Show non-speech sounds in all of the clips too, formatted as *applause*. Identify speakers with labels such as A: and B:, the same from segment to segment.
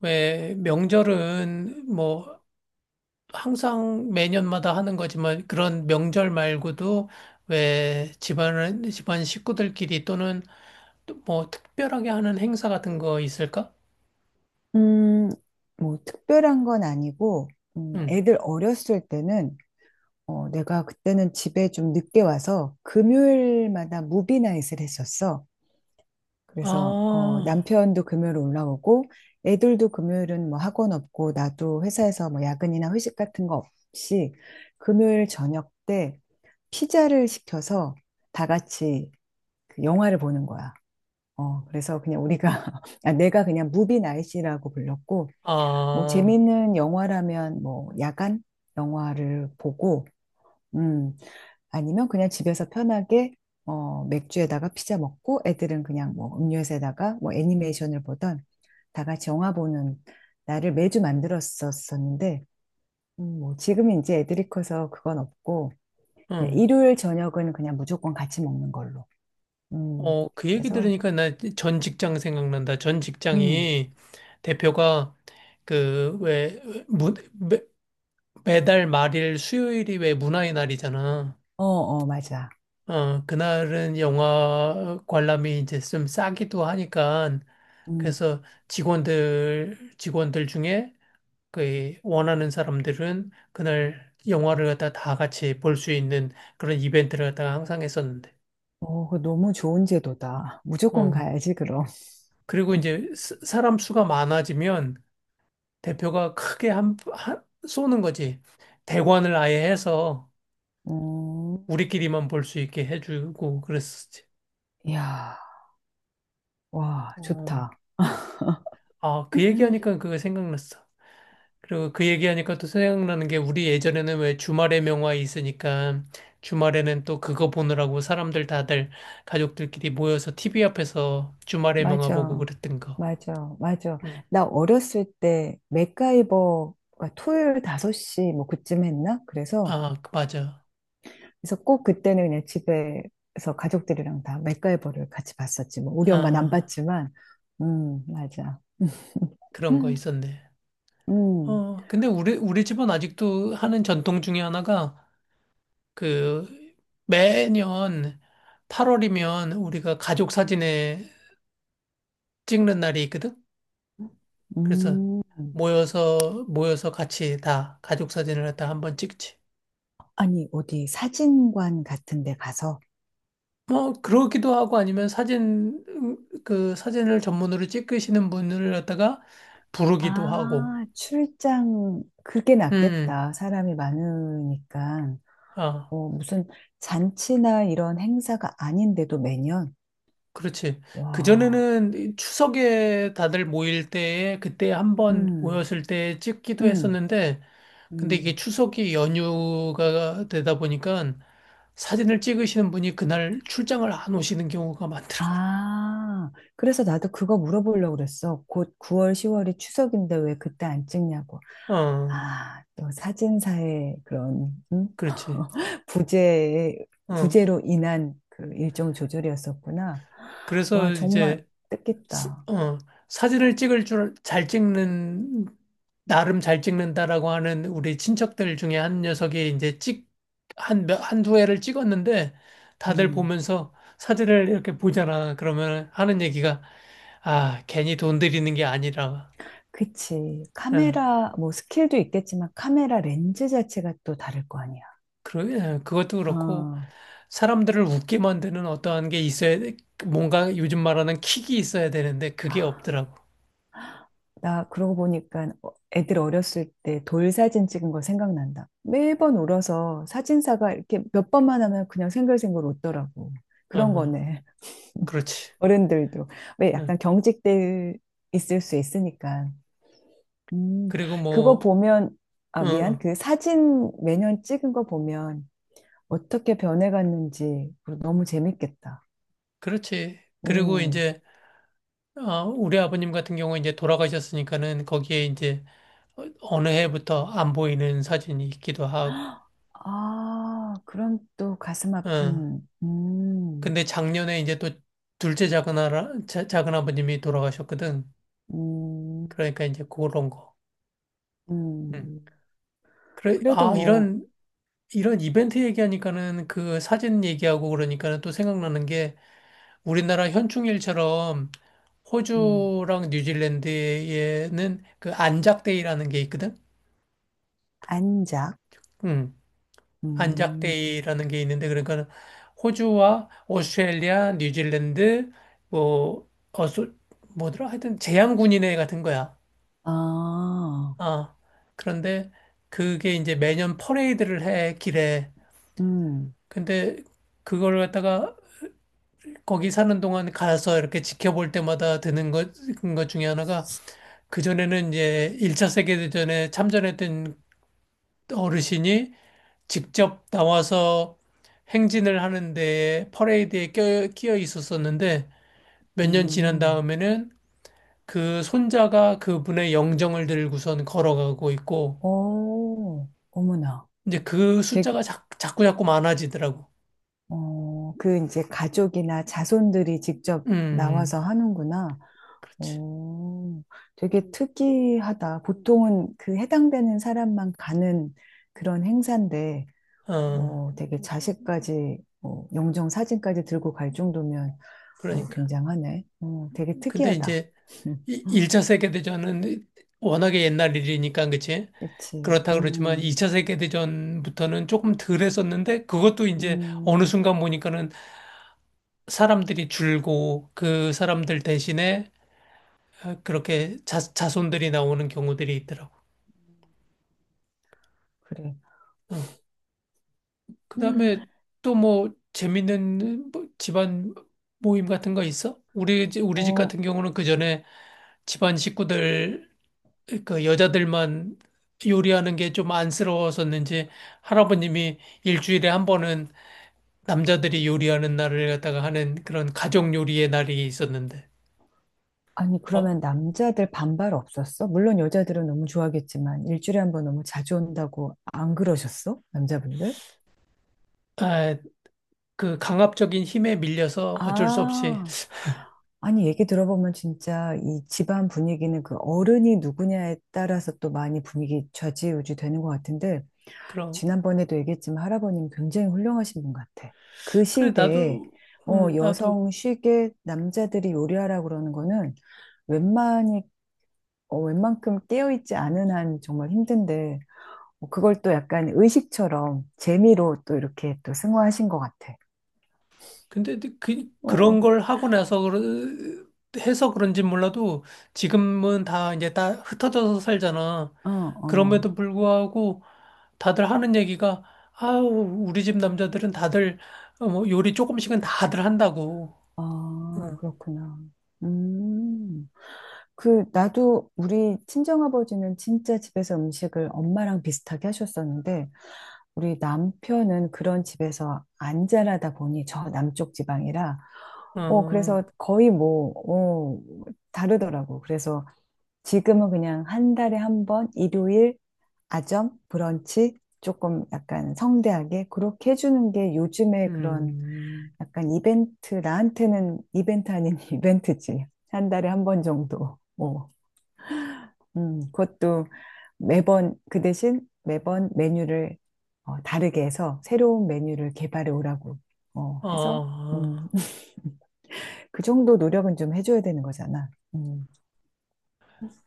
A: 왜 명절은 뭐 항상 매년마다 하는 거지만 그런 명절 말고도 왜 집안은 집안 식구들끼리 또는 또뭐 특별하게 하는 행사 같은 거 있을까?
B: 음, 뭐 특별한 건 아니고,
A: 응.
B: 애들 어렸을 때는 내가 그때는 집에 좀 늦게 와서 금요일마다 무비나잇을 했었어. 그래서
A: 아,
B: 남편도 금요일 올라오고, 애들도 금요일은 뭐 학원 없고, 나도 회사에서 뭐 야근이나 회식 같은 거 없이 금요일 저녁 때 피자를 시켜서 다 같이 그 영화를 보는 거야. 그래서 그냥 우리가, *laughs* 아, 내가 그냥 무비나잇이라고 불렀고, 뭐
A: 아,
B: 재밌는 영화라면 뭐 야간 영화를 보고 음 아니면 그냥 집에서 편하게 맥주에다가 피자 먹고 애들은 그냥 뭐 음료수에다가 뭐 애니메이션을 보던 다 같이 영화 보는 날을 매주 만들었었었는데 뭐 지금은 이제 애들이 커서 그건 없고 그냥
A: 응.
B: 일요일 저녁은 그냥 무조건 같이 먹는 걸로. 음.
A: 어, 그 얘기
B: 그래서.
A: 들으니까 나 전 직장 생각난다. 전
B: 음.
A: 직장이 대표가 그 왜 문 매, 매달 말일 수요일이 왜 문화의 날이잖아.
B: 어, 어, 맞아.
A: 어, 그날은 영화 관람이 이제 좀 싸기도 하니까
B: 음.
A: 그래서 직원들 중에 그 원하는 사람들은 그날 영화를 갖다 다 같이 볼 수 있는 그런 이벤트를 갖다가 항상 했었는데.
B: 그거 너무 좋은 제도다. 무조건
A: 어,
B: 가야지, 그럼.
A: 그리고 이제 스- 사람 수가 많아지면 대표가 크게 한 쏘는 거지. 대관을 아예 해서
B: 음.
A: 우리끼리만 볼 수 있게 해주고 그랬었지.
B: 이야, 와,
A: 어.
B: 좋다.
A: 아, 그 얘기하니까
B: *laughs*
A: 그거 생각났어. 그리고 그 얘기하니까 또 생각나는 게 우리 예전에는 왜 주말의 명화에 있으니까 주말에는 또 그거 보느라고 사람들 다들 가족들끼리 모여서 TV 앞에서 주말의 명화 보고
B: 맞아.
A: 그랬던 거.
B: 맞아. 맞아.
A: 음.
B: 나 어렸을 때 맥가이버가 토요일 5시 뭐 그쯤 했나? 그래서
A: 아, 맞아.
B: 꼭 그때는 그냥 집에서 가족들이랑 다 맥가이버를 같이 봤었지. 뭐 우리 엄마는 안
A: 아,
B: 봤지만 맞아. *laughs*
A: 그런 거
B: 음.
A: 있었네.
B: 음.
A: 어, 근데 우리 집은 아직도 하는 전통 중에 하나가 그 매년 8월이면 우리가 가족 사진에 찍는 날이 있거든? 그래서
B: 음.
A: 모여서 같이 다 가족 사진을 갖다 한번 찍지.
B: 아니, 어디 사진관 같은 데 가서.
A: 뭐 그러기도 하고 아니면 사진 그 사진을 전문으로 찍으시는 분을 갖다가 부르기도 하고.
B: 아, 출장 그게
A: 음. 음.
B: 낫겠다. 사람이 많으니까.
A: 아,
B: 무슨 잔치나 이런 행사가 아닌데도 매년?
A: 그렇지.
B: 와,
A: 그전에는 이 추석에 다들 모일 때에 그때 한번
B: 음,
A: 모였을 때 찍기도
B: 음,
A: 했었는데 근데 이게
B: 음.
A: 추석이 연휴가 되다 보니까 사진을 찍으시는 분이 그날 출장을 안 오시는 경우가 많더라고.
B: 아, 그래서 나도 그거 물어보려고 그랬어. 곧 9월, 10월이 추석인데 왜 그때 안 찍냐고.
A: 어,
B: 아, 또 사진사의 그런,
A: 그렇지.
B: 부재,
A: 어,
B: 부재로 인한 그 일정 조절이었었구나. 와,
A: 그래서
B: 정말
A: 이제, 스-
B: 뜻깊다.
A: 어, 사진을 찍을 줄 잘 찍는, 나름 잘 찍는다라고 하는 우리 친척들 중에 한 녀석이 이제 한두 회를 찍었는데 다들
B: 음.
A: 보면서 사진을 이렇게 보잖아. 그러면 하는 얘기가, 아, 괜히 돈 들이는 게 아니라,
B: 그치.
A: 어,
B: 카메라, 뭐, 스킬도 있겠지만, 카메라 렌즈 자체가 또 다를 거 아니야.
A: 그것도 그렇고
B: 어.
A: 사람들을 웃게 만드는 어떠한 게 있어야, 돼. 뭔가 요즘 말하는 킥이 있어야 되는데 그게
B: 아,
A: 없더라고.
B: 나 그러고 보니까 애들 어렸을 때 돌 사진 찍은 거 생각난다. 매번 울어서 사진사가 이렇게 몇 번만 하면 그냥 생글생글 웃더라고. 그런
A: 어,
B: 거네. *laughs*
A: 그렇지.
B: 어른들도. 왜
A: 예.
B: 약간 경직돼 있을 수 있으니까. 음,
A: 그리고
B: 그거
A: 뭐,
B: 보면, 아, 미안.
A: 응,
B: 그 사진 매년 찍은 거 보면 어떻게 변해갔는지 그 너무 재밌겠다.
A: 그렇지. 그리고
B: 음.
A: 이제, 어, 우리 아버님 같은 경우 이제 돌아가셨으니까는 거기에 이제 어느 해부터 안 보이는 사진이 있기도 하고,
B: 아, 그럼 또 가슴
A: 어.
B: 아픈. 음.
A: 근데 작년에 이제 또 둘째 작은 아버님이 돌아가셨거든.
B: 음.
A: 그러니까 이제 그런 거. 응.
B: 음.
A: 그래,
B: 그래도
A: 아,
B: 뭐.
A: 이런, 이런 이벤트 얘기하니까는 그 사진 얘기하고 그러니까는 또 생각나는 우리나라 현충일처럼
B: 음.
A: 호주랑 뉴질랜드에는 그 안작데이라는 게 있거든.
B: 안작.
A: 음,
B: 음.
A: 안작데이라는 게 있는데 그러니까 호주와 오스트레일리아, 뉴질랜드 뭐 어소 뭐더라 하여튼 제향군인회 같은 거야.
B: 아.
A: 아 그런데 그게 이제 매년 퍼레이드를 해 길에.
B: 음.
A: 근데 그걸 갖다가 거기 사는 동안 가서 이렇게 지켜볼 때마다 드는 것 중에 하나가 그전에는 이제 1차 세계대전에 참전했던 어르신이 직접 나와서 행진을 하는데 퍼레이드에 끼어 있었었는데 몇 년 지난
B: 음.
A: 다음에는 그 손자가 그분의 영정을 들고선 걸어가고 있고
B: 오. 어머나.
A: 이제 그
B: 되게.
A: 숫자가 자꾸 많아지더라고.
B: 그 이제 가족이나 자손들이 직접 나와서
A: 음,
B: 하는구나.
A: 그렇지.
B: 어, 되게 특이하다. 보통은 그 해당되는 사람만 가는 그런 행사인데,
A: 어,
B: 되게 자식까지, 영정 사진까지 들고 갈 정도면,
A: 그러니까.
B: 굉장하네. 되게
A: 근데
B: 특이하다.
A: 이제
B: *laughs*
A: 1차 세계대전은 워낙에 옛날 일이니까 그치?
B: 그치.
A: 그렇다 그러지만 2차 세계대전부터는 조금 덜 했었는데 그것도 이제 어느
B: 음,
A: 순간 보니까는 사람들이 줄고 그 사람들 대신에 어, 그렇게 자손들이 나오는 경우들이 있더라고.
B: 그래.
A: 응.
B: 음,
A: 그다음에 또 뭐 재밌는 뭐 집안 모임 같은 거 있어? 우리 집
B: 어,
A: 같은 경우는 그 전에 집안 식구들 그 여자들만 요리하는 게 좀 안쓰러웠었는지 할아버님이 일주일에 한 번은 남자들이 요리하는 날을 갖다가 하는 그런 가족 요리의 날이 있었는데,
B: 아니,
A: 어,
B: 그러면 남자들 반발 없었어? 물론 여자들은 너무 좋아하겠지만, 일주일에 한 번 너무 자주 온다고 안 그러셨어? 남자분들?
A: 아, 그 강압적인 힘에 밀려서 어쩔 수 없이
B: 아, 아니, 얘기 들어보면 진짜 이 집안 분위기는 그 어른이 누구냐에 따라서 또 많이 분위기 좌지우지 되는 것 같은데,
A: 그런
B: 지난번에도 얘기했지만 할아버님 굉장히 훌륭하신 분 같아. 그
A: 그래
B: 시대에,
A: 나도 나도
B: 여성 쉬게 남자들이 요리하라고 그러는 거는 웬만히, 웬만큼 깨어있지 않은 한 정말 힘든데, 그걸 또 약간 의식처럼 재미로 또 이렇게 또 승화하신 것 같아.
A: 근데 그
B: 어.
A: 그런 걸 하고 나서 해서 그런지 몰라도 지금은 다 이제 다 흩어져서 살잖아.
B: 어, 어.
A: 그럼에도 불구하고 다들 하는 얘기가 아우 우리 집 남자들은 다들 어, 뭐 요리 조금씩은 다들 한다고.
B: 아,
A: 어,
B: 그렇구나. 음. 그, 나도 우리 친정아버지는 진짜 집에서 음식을 엄마랑 비슷하게 하셨었는데, 우리 남편은 그런 집에서 안 자라다 보니 저 남쪽 지방이라,
A: 어,
B: 그래서 거의 뭐, 다르더라고. 그래서 지금은 그냥 한 달에 한 번, 일요일, 아점, 브런치, 조금 약간 성대하게 그렇게 해주는 게 요즘에 그런
A: 음,
B: 약간 이벤트, 나한테는 이벤트 아닌 *laughs* 이벤트지. 한 달에 한 번 정도. 어. 그것도 매번 그 대신 매번 메뉴를 다르게 해서 새로운 메뉴를 개발해 오라고 해서
A: 아,
B: *laughs* 그 정도 노력은 좀 해줘야 되는 거잖아. 음,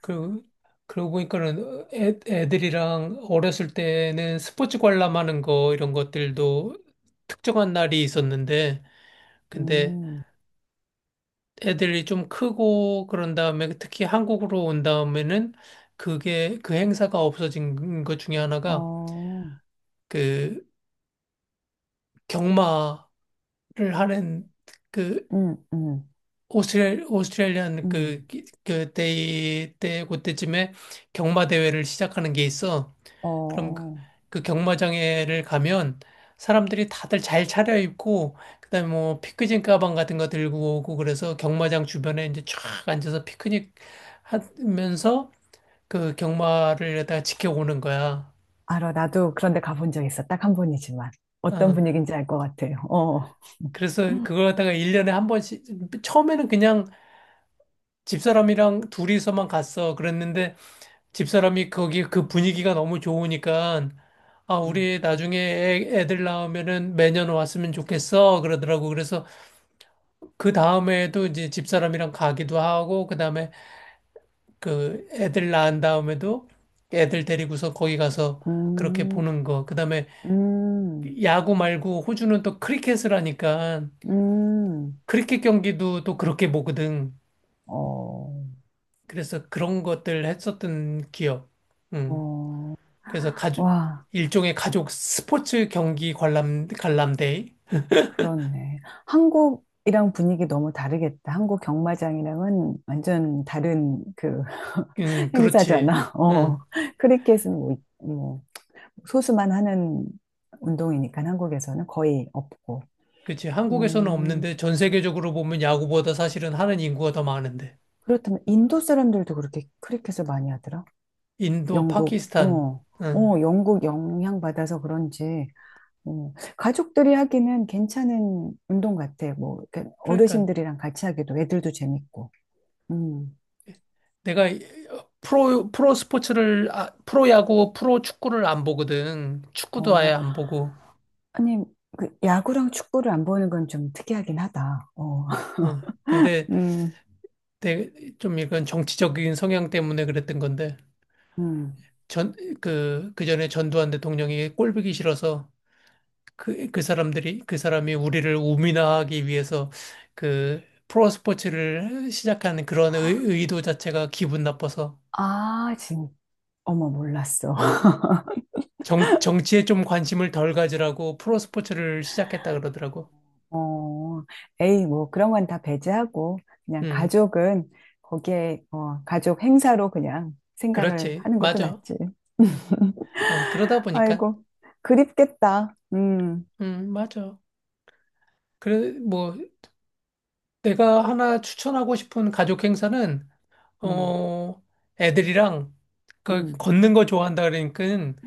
A: 그 그러고 보니까는 애들이랑 어렸을 때는 스포츠 관람하는 거 이런 것들도 특정한 날이 있었는데 근데
B: 음,
A: 애들이 좀 크고 그런 다음에 특히 한국으로 온 다음에는 그게 그 행사가 없어진 것 중에 하나가
B: 어,
A: 그 경마 하는 그
B: 음, 음,
A: 오스트레일리안 그
B: 음,
A: 그때쯤에 경마 대회를 시작하는 게 있어. 그럼 그,
B: 어,
A: 그 경마장에를 가면 사람들이 다들 잘 차려입고 그다음에 뭐 피크닉 가방 같은 거 들고 오고 그래서 경마장 주변에 이제 쫙 앉아서 피크닉 하면서 그 경마를 갖다가 지켜오는 거야.
B: 알아. 나도 그런데 가본 적 있어. 딱 한 번이지만 어떤
A: 어.
B: 분위기인지 알 것 같아. 어,
A: 그래서 그걸 갖다가 일년에한 번씩 처음에는 그냥 집사람이랑 둘이서만 갔어. 그랬는데 집사람이 거기 그 분위기가 너무 좋으니까 아,
B: 음,
A: 우리 나중에 애들 낳으면은 매년 왔으면 좋겠어. 그러더라고. 그래서 그 다음에도 이제 집사람이랑 가기도 하고, 그 다음에 그 애들 낳은 다음에도 애들 데리고서 거기 가서 그렇게
B: 음,
A: 보는 거. 그 다음에
B: 음,
A: 야구 말고 호주는 또 크리켓을 하니까
B: 음,
A: 크리켓 경기도 또 그렇게 보거든.
B: 어,
A: 그래서 그런 것들 했었던 기억. 음.
B: 어,
A: 그래서 가족,
B: 와.
A: 일종의 가족 스포츠 경기 관람, 관람대회?
B: 그렇네. 한국이랑 분위기 너무 다르겠다. 한국 경마장이랑은 완전 다른 그
A: 응,
B: *laughs*
A: 그렇지.
B: 행사잖아. 어.
A: 응,
B: 크리켓은 뭐, 뭐 소수만 하는 운동이니까 한국에서는 거의 없고.
A: 그렇지. 한국에서는
B: 음.
A: 없는데 전 세계적으로 보면 야구보다 사실은 하는 인구가 더 많은데.
B: 그렇다면 인도 사람들도 그렇게 크리켓을 많이 하더라.
A: 인도,
B: 영국,
A: 파키스탄.
B: 어,
A: 응.
B: 영국 영향 받아서 그런지 가족들이 하기는 괜찮은 운동 같아. 뭐 이렇게
A: 그러니까
B: 어르신들이랑 같이 하기도 애들도 재밌고. 음.
A: 내가 프로 스포츠를, 아, 프로 야구, 프로 축구를 안 보거든. 축구도 아예
B: 어,
A: 안 보고.
B: 아니, 그 야구랑 축구를 안 보는 건 좀 특이하긴 하다. 어. *laughs*
A: 응. 근데
B: 음,
A: 내, 좀 이건 정치적인 성향 때문에 그랬던 건데.
B: 음.
A: 전, 그, 그 전에 전두환 대통령이 꼴 보기 싫어서 그, 그 사람이 우리를 우민화하기 위해서 그 프로 스포츠를 시작한 그런 도 자체가 기분 나빠서
B: 아, 어머, 몰랐어. *laughs*
A: 정치에 좀 관심을 덜 가지라고 프로 스포츠를 시작했다 그러더라고.
B: 어, 에이, 뭐, 그런 건 다 배제하고, 그냥
A: 음,
B: 가족은 거기에, 가족 행사로 그냥 생각을
A: 그렇지.
B: 하는 것도
A: 맞아.
B: 낫지.
A: 어, 그러다 보니까.
B: 아이고, 그립겠다.
A: 맞아. 그래, 뭐, 내가 하나 추천하고 싶은 가족 행사는,
B: 음,
A: 어, 애들이랑 그
B: 음,
A: 걷는 거 좋아한다 그러니까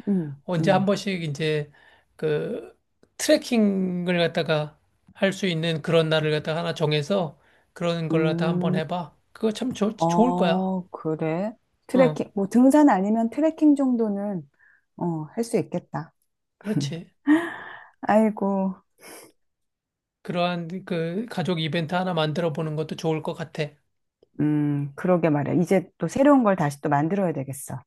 B: 음,
A: 언제 한
B: 음,
A: 번씩 이제 그 트레킹을 갖다가 할 수 있는 그런 날을 갖다가 하나 정해서 그런 걸 갖다 한번
B: 음.
A: 해봐. 그거 참 좋 좋을 거야.
B: 그래?
A: 응,
B: 트레킹, 뭐 등산 아니면 트레킹 정도는 할 수 있겠다. *laughs*
A: 그렇지.
B: 아이고,
A: 그러한 그 가족 이벤트 하나 만들어 보는 것도 좋을 것 같아.
B: 그러게 말이야. 이제 또 새로운 걸 다시 또 만들어야 되겠어.